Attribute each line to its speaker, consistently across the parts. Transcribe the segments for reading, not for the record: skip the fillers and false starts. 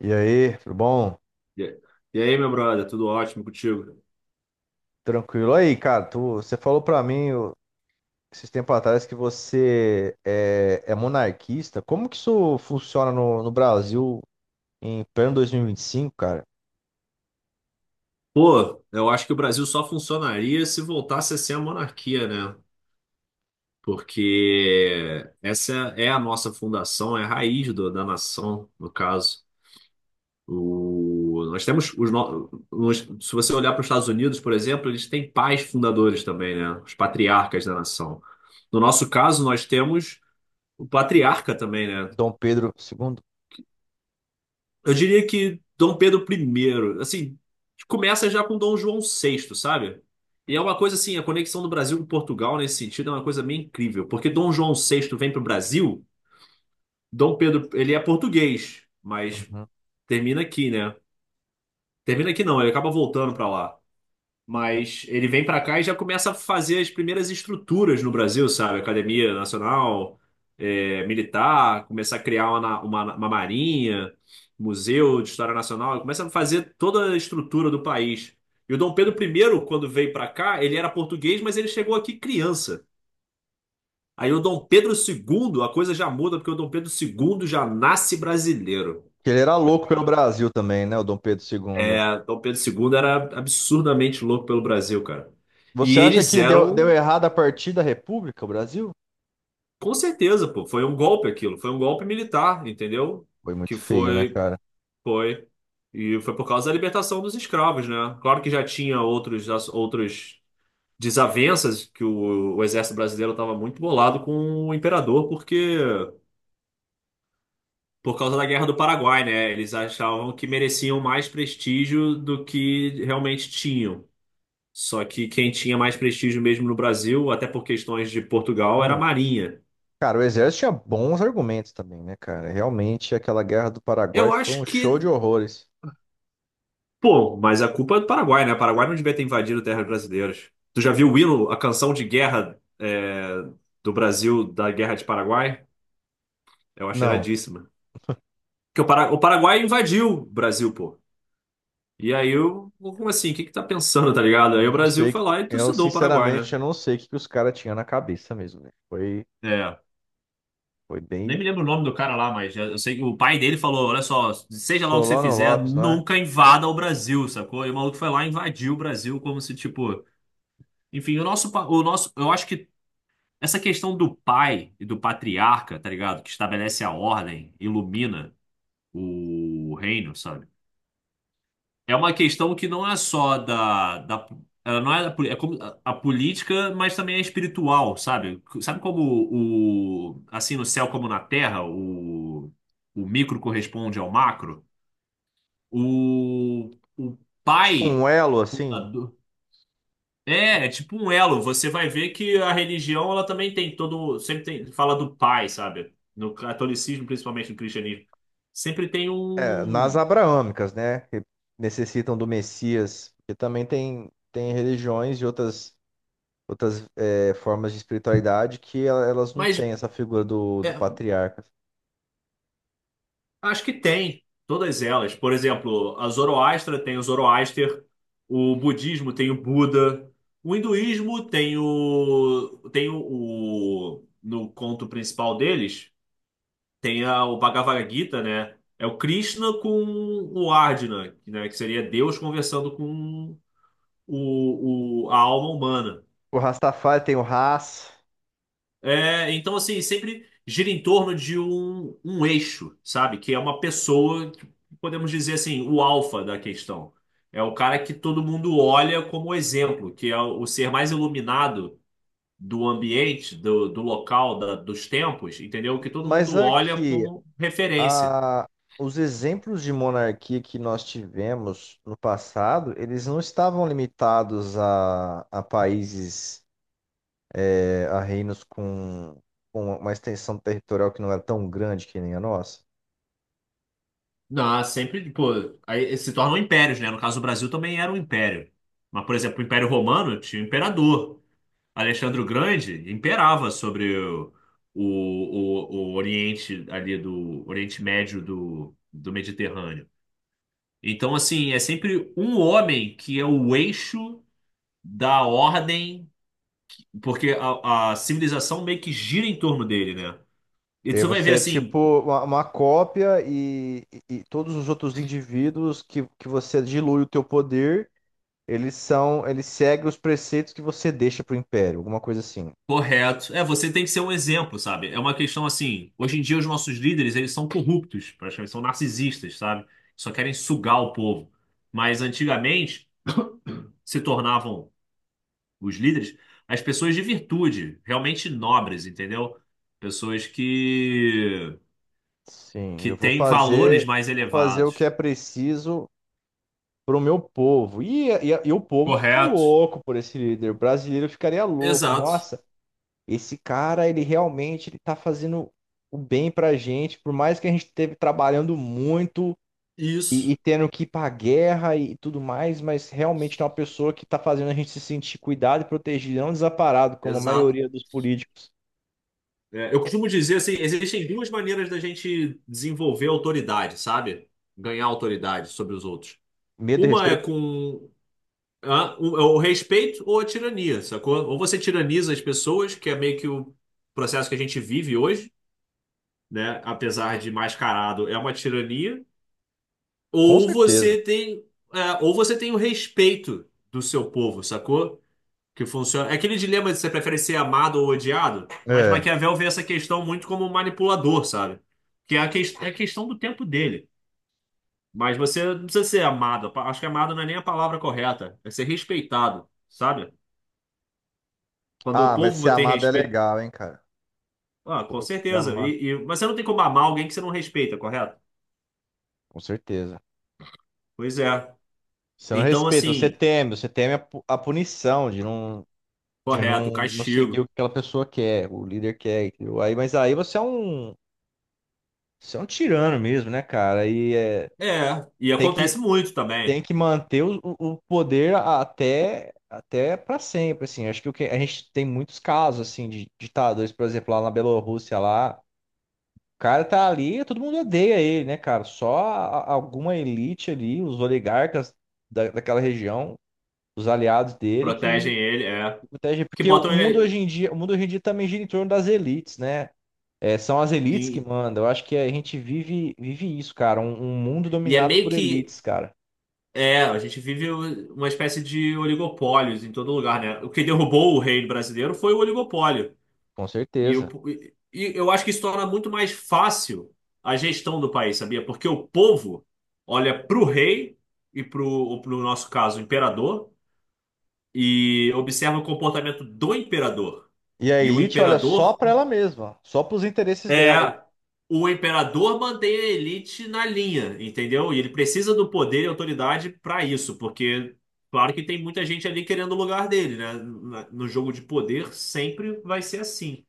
Speaker 1: E aí, tudo bom?
Speaker 2: E e aí, meu brother, tudo ótimo contigo?
Speaker 1: Tranquilo. Aí, cara, você falou pra mim esses tempos atrás que você é monarquista. Como que isso funciona no Brasil em pleno 2025, cara?
Speaker 2: Pô, eu acho que o Brasil só funcionaria se voltasse a ser a monarquia, né? Porque essa é a nossa fundação, é a raiz da nação, no caso. O, nós temos os, no- nos- se você olhar para os Estados Unidos, por exemplo, eles têm pais fundadores também, né? Os patriarcas da nação. No nosso caso, nós temos o patriarca também, né?
Speaker 1: Dom Pedro II.
Speaker 2: Eu diria que Dom Pedro I, assim, começa já com Dom João VI, sabe? E é uma coisa assim, a conexão do Brasil com Portugal nesse sentido é uma coisa meio incrível, porque Dom João VI vem para o Brasil, Dom Pedro, ele é português, mas
Speaker 1: Uhum.
Speaker 2: termina aqui, né? Termina aqui não, ele acaba voltando para lá. Mas ele vem pra cá e já começa a fazer as primeiras estruturas no Brasil, sabe? Academia Nacional, Militar, começar a criar uma marinha, Museu de História Nacional, ele começa a fazer toda a estrutura do país. E o Dom Pedro I, quando veio pra cá, ele era português, mas ele chegou aqui criança. Aí o Dom Pedro II, a coisa já muda, porque o Dom Pedro II já nasce brasileiro.
Speaker 1: Ele era louco pelo Brasil também, né? O Dom Pedro II.
Speaker 2: É, Dom Pedro II era absurdamente louco pelo Brasil, cara.
Speaker 1: Você
Speaker 2: E
Speaker 1: acha
Speaker 2: eles
Speaker 1: que deu
Speaker 2: eram.
Speaker 1: errado a partir da República, o Brasil?
Speaker 2: Com certeza, pô, foi um golpe aquilo, foi um golpe militar, entendeu?
Speaker 1: Foi muito
Speaker 2: Que
Speaker 1: feio, né,
Speaker 2: foi,
Speaker 1: cara?
Speaker 2: foi, e foi por causa da libertação dos escravos, né? Claro que já tinha outros desavenças que o exército brasileiro estava muito bolado com o imperador, porque por causa da Guerra do Paraguai, né? Eles achavam que mereciam mais prestígio do que realmente tinham. Só que quem tinha mais prestígio mesmo no Brasil, até por questões de Portugal, era a
Speaker 1: É.
Speaker 2: Marinha.
Speaker 1: Cara, o exército tinha bons argumentos também, né, cara? Realmente, aquela guerra do Paraguai
Speaker 2: Eu
Speaker 1: foi um
Speaker 2: acho
Speaker 1: show de
Speaker 2: que
Speaker 1: horrores.
Speaker 2: Pô, mas a culpa é do Paraguai, né? O Paraguai não devia ter invadido terras brasileiras. Tu já viu o hino, a canção de guerra do Brasil, da Guerra de Paraguai? Eu acho
Speaker 1: Não.
Speaker 2: iradíssima. Porque o Paraguai invadiu o Brasil, pô. E aí, eu, como assim? O que que tá pensando, tá ligado? Aí o
Speaker 1: Não
Speaker 2: Brasil
Speaker 1: sei.
Speaker 2: foi lá e
Speaker 1: Eu,
Speaker 2: trucidou o Paraguai,
Speaker 1: sinceramente,
Speaker 2: né?
Speaker 1: eu não sei que os caras tinham na cabeça mesmo, velho.
Speaker 2: É.
Speaker 1: Foi
Speaker 2: Nem
Speaker 1: bem.
Speaker 2: me lembro o nome do cara lá, mas eu sei que o pai dele falou: olha só, seja lá o que você
Speaker 1: Solano
Speaker 2: fizer,
Speaker 1: Lopes, não é?
Speaker 2: nunca invada o Brasil, sacou? E o maluco foi lá e invadiu o Brasil como se, tipo. Enfim, o nosso, pa- o nosso, eu acho que Essa questão do pai e do patriarca, tá ligado? Que estabelece a ordem, ilumina o reino, sabe? É uma questão que não é só da, da ela não é, da, poli- é como a política, mas também é espiritual, sabe? Sabe como o, assim no céu como na terra, o micro corresponde ao macro? O, o
Speaker 1: Tipo um
Speaker 2: pai.
Speaker 1: elo, assim,
Speaker 2: É, é tipo um elo. Você vai ver que a religião, ela também tem todo, sempre tem, fala do pai, sabe? No catolicismo, principalmente no cristianismo, sempre tem
Speaker 1: é, nas
Speaker 2: um,
Speaker 1: abraâmicas, né? Que necessitam do Messias. Porque também tem religiões e outras formas de espiritualidade que elas não
Speaker 2: mas
Speaker 1: têm essa figura do
Speaker 2: é,
Speaker 1: patriarca.
Speaker 2: acho que tem todas elas. Por exemplo, a Zoroastra tem o Zoroaster, o budismo tem o Buda, o hinduísmo tem o no conto principal deles. Tem a, o Bhagavad Gita, né? É o Krishna com o Arjuna, né? Que seria Deus conversando com a alma humana.
Speaker 1: O Rastafari tem o Ras,
Speaker 2: É, então, assim, sempre gira em torno de um eixo, sabe? Que é uma pessoa, que podemos dizer assim, o alfa da questão. É o cara que todo mundo olha como exemplo, que é o ser mais iluminado do ambiente, do local, dos tempos, entendeu? Que todo
Speaker 1: mas
Speaker 2: mundo olha
Speaker 1: aqui
Speaker 2: como referência.
Speaker 1: a- os exemplos de monarquia que nós tivemos no passado, eles não estavam limitados a países, a reinos com uma extensão territorial que não era tão grande que nem a nossa.
Speaker 2: Não, sempre, pô, aí se tornam impérios, né? No caso, o Brasil também era um império. Mas, por exemplo, o Império Romano tinha um imperador. Alexandre o Grande imperava sobre o, o Oriente ali do Oriente Médio do Mediterrâneo. Então, assim, é sempre um homem que é o eixo da ordem, porque a civilização meio que gira em torno dele, né? E
Speaker 1: E aí
Speaker 2: você vai ver
Speaker 1: você é tipo
Speaker 2: assim.
Speaker 1: uma cópia e todos os outros indivíduos que você dilui o teu poder, eles seguem os preceitos que você deixa para o império, alguma coisa assim.
Speaker 2: Correto. É, você tem que ser um exemplo, sabe? É uma questão assim, hoje em dia os nossos líderes, eles são corruptos, praticamente, são narcisistas, sabe? Só querem sugar o povo. Mas antigamente se tornavam os líderes as pessoas de virtude, realmente nobres, entendeu? Pessoas que
Speaker 1: Sim,
Speaker 2: que têm valores mais
Speaker 1: vou fazer o que
Speaker 2: elevados.
Speaker 1: é preciso pro meu povo. E o povo fica
Speaker 2: Correto.
Speaker 1: louco por esse líder. O brasileiro ficaria louco.
Speaker 2: Exato.
Speaker 1: Nossa, esse cara, ele tá fazendo o bem pra gente, por mais que a gente esteve trabalhando muito
Speaker 2: Isso.
Speaker 1: e tendo que ir pra guerra e tudo mais, mas realmente é uma pessoa que tá fazendo a gente se sentir cuidado e protegido, não desamparado, como a
Speaker 2: Exato.
Speaker 1: maioria dos políticos.
Speaker 2: É, eu costumo dizer assim, existem duas maneiras da gente desenvolver autoridade, sabe? Ganhar autoridade sobre os outros.
Speaker 1: Medo e
Speaker 2: Uma é
Speaker 1: respeito,
Speaker 2: com o respeito ou a tirania, sacou? Ou você tiraniza as pessoas, que é meio que o processo que a gente vive hoje, né? Apesar de mascarado, é uma tirania.
Speaker 1: com
Speaker 2: Ou
Speaker 1: certeza.
Speaker 2: você tem, ou você tem o respeito do seu povo, sacou? Que funciona. É aquele dilema de você prefere ser amado ou odiado, mas
Speaker 1: É.
Speaker 2: Maquiavel vê essa questão muito como um manipulador, sabe? Que é é a questão do tempo dele. Mas você não precisa ser amado. Acho que amado não é nem a palavra correta. É ser respeitado, sabe? Quando o
Speaker 1: Ah, mas ser
Speaker 2: povo tem
Speaker 1: amado é
Speaker 2: respeito.
Speaker 1: legal, hein, cara?
Speaker 2: Ah, com
Speaker 1: Pô, ser
Speaker 2: certeza.
Speaker 1: amado.
Speaker 2: Mas você não tem como amar alguém que você não respeita, correto?
Speaker 1: Com certeza.
Speaker 2: Pois é.
Speaker 1: Você não
Speaker 2: Então,
Speaker 1: respeita,
Speaker 2: assim,
Speaker 1: você teme a punição de de
Speaker 2: correto,
Speaker 1: não, não seguir o
Speaker 2: castigo.
Speaker 1: que aquela pessoa quer, o líder quer, entendeu? Aí, mas aí você é você é um tirano mesmo, né, cara? E é,
Speaker 2: É. E
Speaker 1: tem que,
Speaker 2: acontece muito
Speaker 1: tem
Speaker 2: também.
Speaker 1: que manter o poder até, até para sempre, assim. Acho que o que a gente tem muitos casos, assim, de ditadores, por exemplo, lá na Bielorrússia, lá, o cara tá ali, todo mundo odeia ele, né, cara? Só alguma elite ali, os oligarcas daquela região, os aliados dele que
Speaker 2: Protegem ele, é.
Speaker 1: o TG,
Speaker 2: Que
Speaker 1: porque o
Speaker 2: botam
Speaker 1: mundo hoje
Speaker 2: ele.
Speaker 1: em dia, o mundo hoje em dia também gira em torno das elites, né? É, são as elites que
Speaker 2: Sim.
Speaker 1: mandam. Eu acho que a gente vive isso, cara. Um mundo
Speaker 2: E é
Speaker 1: dominado
Speaker 2: meio
Speaker 1: por
Speaker 2: que
Speaker 1: elites, cara.
Speaker 2: É, a gente vive uma espécie de oligopólios em todo lugar, né? O que derrubou o reino brasileiro foi o oligopólio.
Speaker 1: Com
Speaker 2: E, o,
Speaker 1: certeza.
Speaker 2: e e eu acho que isso torna muito mais fácil a gestão do país, sabia? Porque o povo olha pro rei e pro nosso caso, imperador, e observa o comportamento do imperador.
Speaker 1: E a
Speaker 2: E o
Speaker 1: elite olha só
Speaker 2: imperador
Speaker 1: para ela mesma, só para os interesses
Speaker 2: é,
Speaker 1: dela.
Speaker 2: o imperador mantém a elite na linha, entendeu? E ele precisa do poder e autoridade para isso, porque, claro que tem muita gente ali querendo o lugar dele, né? No jogo de poder sempre vai ser assim.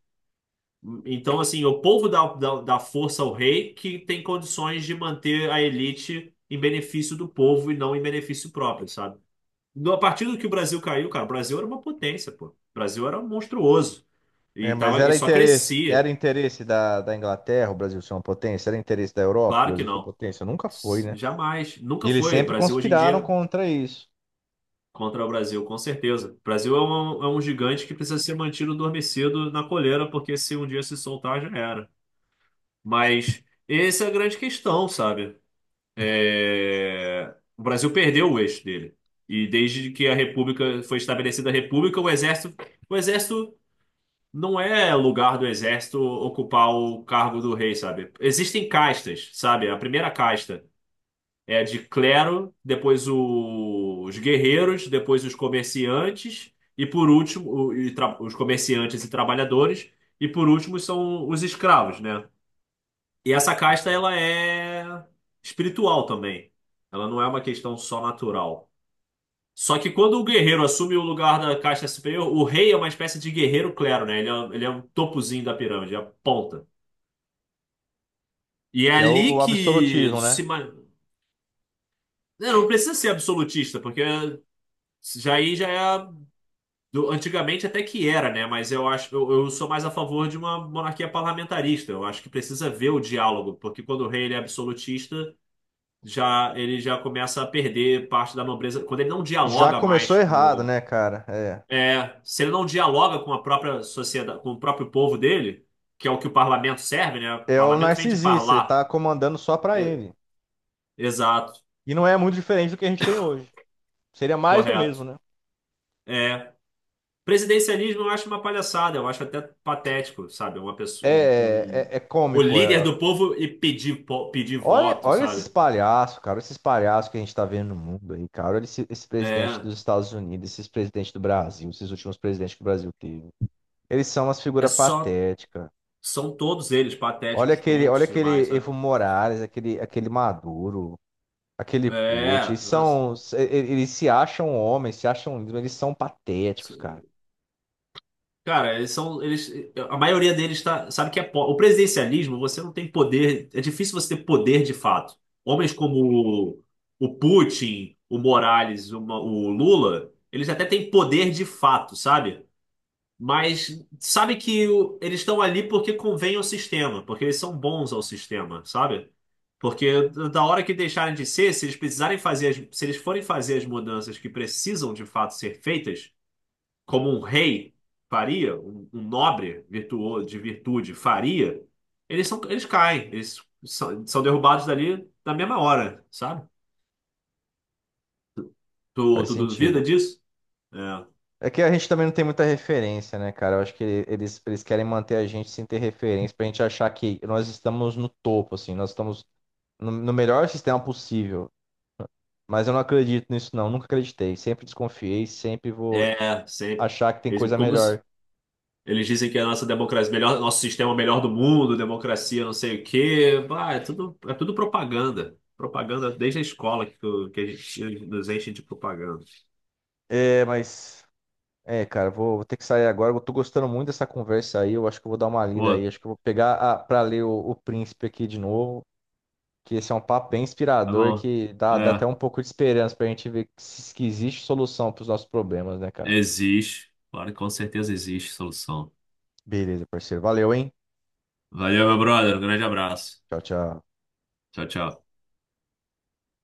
Speaker 2: Então, assim, o povo dá força ao rei que tem condições de manter a elite em benefício do povo e não em benefício próprio, sabe? A partir do que o Brasil caiu, cara, o Brasil era uma potência, pô. O Brasil era monstruoso
Speaker 1: É,
Speaker 2: e,
Speaker 1: mas
Speaker 2: tava, e só
Speaker 1: era
Speaker 2: crescia.
Speaker 1: interesse da Inglaterra, o Brasil ser uma potência, era interesse da Europa, o
Speaker 2: Claro que
Speaker 1: Brasil ser uma
Speaker 2: não.
Speaker 1: potência. Nunca foi, né?
Speaker 2: Jamais.
Speaker 1: E
Speaker 2: Nunca
Speaker 1: eles
Speaker 2: foi.
Speaker 1: sempre
Speaker 2: Brasil hoje em
Speaker 1: conspiraram
Speaker 2: dia
Speaker 1: contra isso,
Speaker 2: contra o Brasil, com certeza. Brasil é é um gigante que precisa ser mantido adormecido na coleira, porque se um dia se soltar, já era. Mas essa é a grande questão, sabe? É, o Brasil perdeu o eixo dele. E desde que a República foi estabelecida a República, o exército não é lugar do exército ocupar o cargo do rei, sabe? Existem castas, sabe? A primeira casta. É de clero, depois os guerreiros, depois os comerciantes, e por último, os comerciantes e trabalhadores, e por último são os escravos, né? E essa casta, ela é espiritual também. Ela não é uma questão só natural. Só que quando o guerreiro assume o lugar da casta superior, o rei é uma espécie de guerreiro clero, né? Ele é um topozinho da pirâmide, é a ponta. E é
Speaker 1: que é
Speaker 2: ali
Speaker 1: o
Speaker 2: que
Speaker 1: absolutismo, né?
Speaker 2: se... ma-. Não precisa ser absolutista, porque já aí já é antigamente até que era, né? Mas eu acho, eu sou mais a favor de uma monarquia parlamentarista. Eu acho que precisa ver o diálogo, porque quando o rei ele é absolutista, já ele já começa a perder parte da nobreza. Quando ele não
Speaker 1: Já
Speaker 2: dialoga
Speaker 1: começou
Speaker 2: mais
Speaker 1: errado,
Speaker 2: com,
Speaker 1: né, cara? É.
Speaker 2: é, se ele não dialoga com a própria sociedade, com o próprio povo dele, que é o que o parlamento serve, né? O
Speaker 1: É o
Speaker 2: parlamento vem de
Speaker 1: narcisista, ele
Speaker 2: parlar.
Speaker 1: tá comandando só pra
Speaker 2: É,
Speaker 1: ele.
Speaker 2: exato,
Speaker 1: E não é muito diferente do que a gente tem hoje. Seria mais do mesmo,
Speaker 2: correto.
Speaker 1: né?
Speaker 2: É, Presidencialismo eu acho uma palhaçada, eu acho até patético, sabe? Uma pessoa,
Speaker 1: É
Speaker 2: o
Speaker 1: cômico.
Speaker 2: líder
Speaker 1: é.
Speaker 2: do povo e pedir, pedir
Speaker 1: Olha,
Speaker 2: voto,
Speaker 1: olha esses
Speaker 2: sabe?
Speaker 1: palhaços, cara. Esses palhaços que a gente tá vendo no mundo aí, cara. Olha esse presidente
Speaker 2: É,
Speaker 1: dos Estados Unidos, esses presidentes do Brasil, esses últimos presidentes que o Brasil teve. Eles são umas
Speaker 2: é
Speaker 1: figuras
Speaker 2: só,
Speaker 1: patéticas.
Speaker 2: são todos eles patéticos,
Speaker 1: Olha
Speaker 2: tontos demais,
Speaker 1: aquele
Speaker 2: sabe?
Speaker 1: Evo Morales, aquele Maduro, aquele Putin.
Speaker 2: É, nossa.
Speaker 1: Eles se acham homens, se acham lindos, mas eles são patéticos, cara.
Speaker 2: Cara, eles são, eles, a maioria deles tá, sabe que é, o presidencialismo, você não tem poder, é difícil você ter poder de fato. Homens como o Putin, o Morales, o Lula, eles até têm poder de fato, sabe? Mas sabe que eles estão ali porque convém ao sistema, porque eles são bons ao sistema, sabe? Porque da hora que deixarem de ser, se eles precisarem fazer, se eles forem fazer as mudanças que precisam de fato ser feitas, como um rei faria, um nobre virtuoso de virtude faria, eles caem, são derrubados dali na mesma hora, sabe? Tu,
Speaker 1: Faz
Speaker 2: tu duvida
Speaker 1: sentido.
Speaker 2: disso? É,
Speaker 1: É que a gente também não tem muita referência, né, cara? Eu acho que eles querem manter a gente sem ter referência, pra gente achar que nós estamos no topo, assim, nós estamos no melhor sistema possível. Mas eu não acredito nisso, não. Nunca acreditei. Sempre desconfiei, sempre vou
Speaker 2: é sempre.
Speaker 1: achar que tem
Speaker 2: Eles,
Speaker 1: coisa
Speaker 2: como,
Speaker 1: melhor.
Speaker 2: Eles dizem que a nossa democracia, melhor, nosso sistema é o melhor do mundo, democracia, não sei o quê. Ah, é tudo propaganda. Propaganda desde a escola que a gente nos enche de propaganda.
Speaker 1: É, mas. É, cara, vou ter que sair agora. Eu tô gostando muito dessa conversa aí. Eu acho que eu vou dar uma lida aí.
Speaker 2: Pô,
Speaker 1: Acho que eu vou pegar a, pra ler o Príncipe aqui de novo. Que esse é um papo bem
Speaker 2: tá
Speaker 1: inspirador
Speaker 2: bom.
Speaker 1: que dá até
Speaker 2: É,
Speaker 1: um pouco de esperança pra gente ver que se- que existe solução para os nossos problemas, né, cara?
Speaker 2: existe. Claro que com certeza existe solução.
Speaker 1: Beleza, parceiro. Valeu, hein?
Speaker 2: Valeu, meu brother. Um grande abraço.
Speaker 1: Tchau, tchau.
Speaker 2: Tchau, tchau.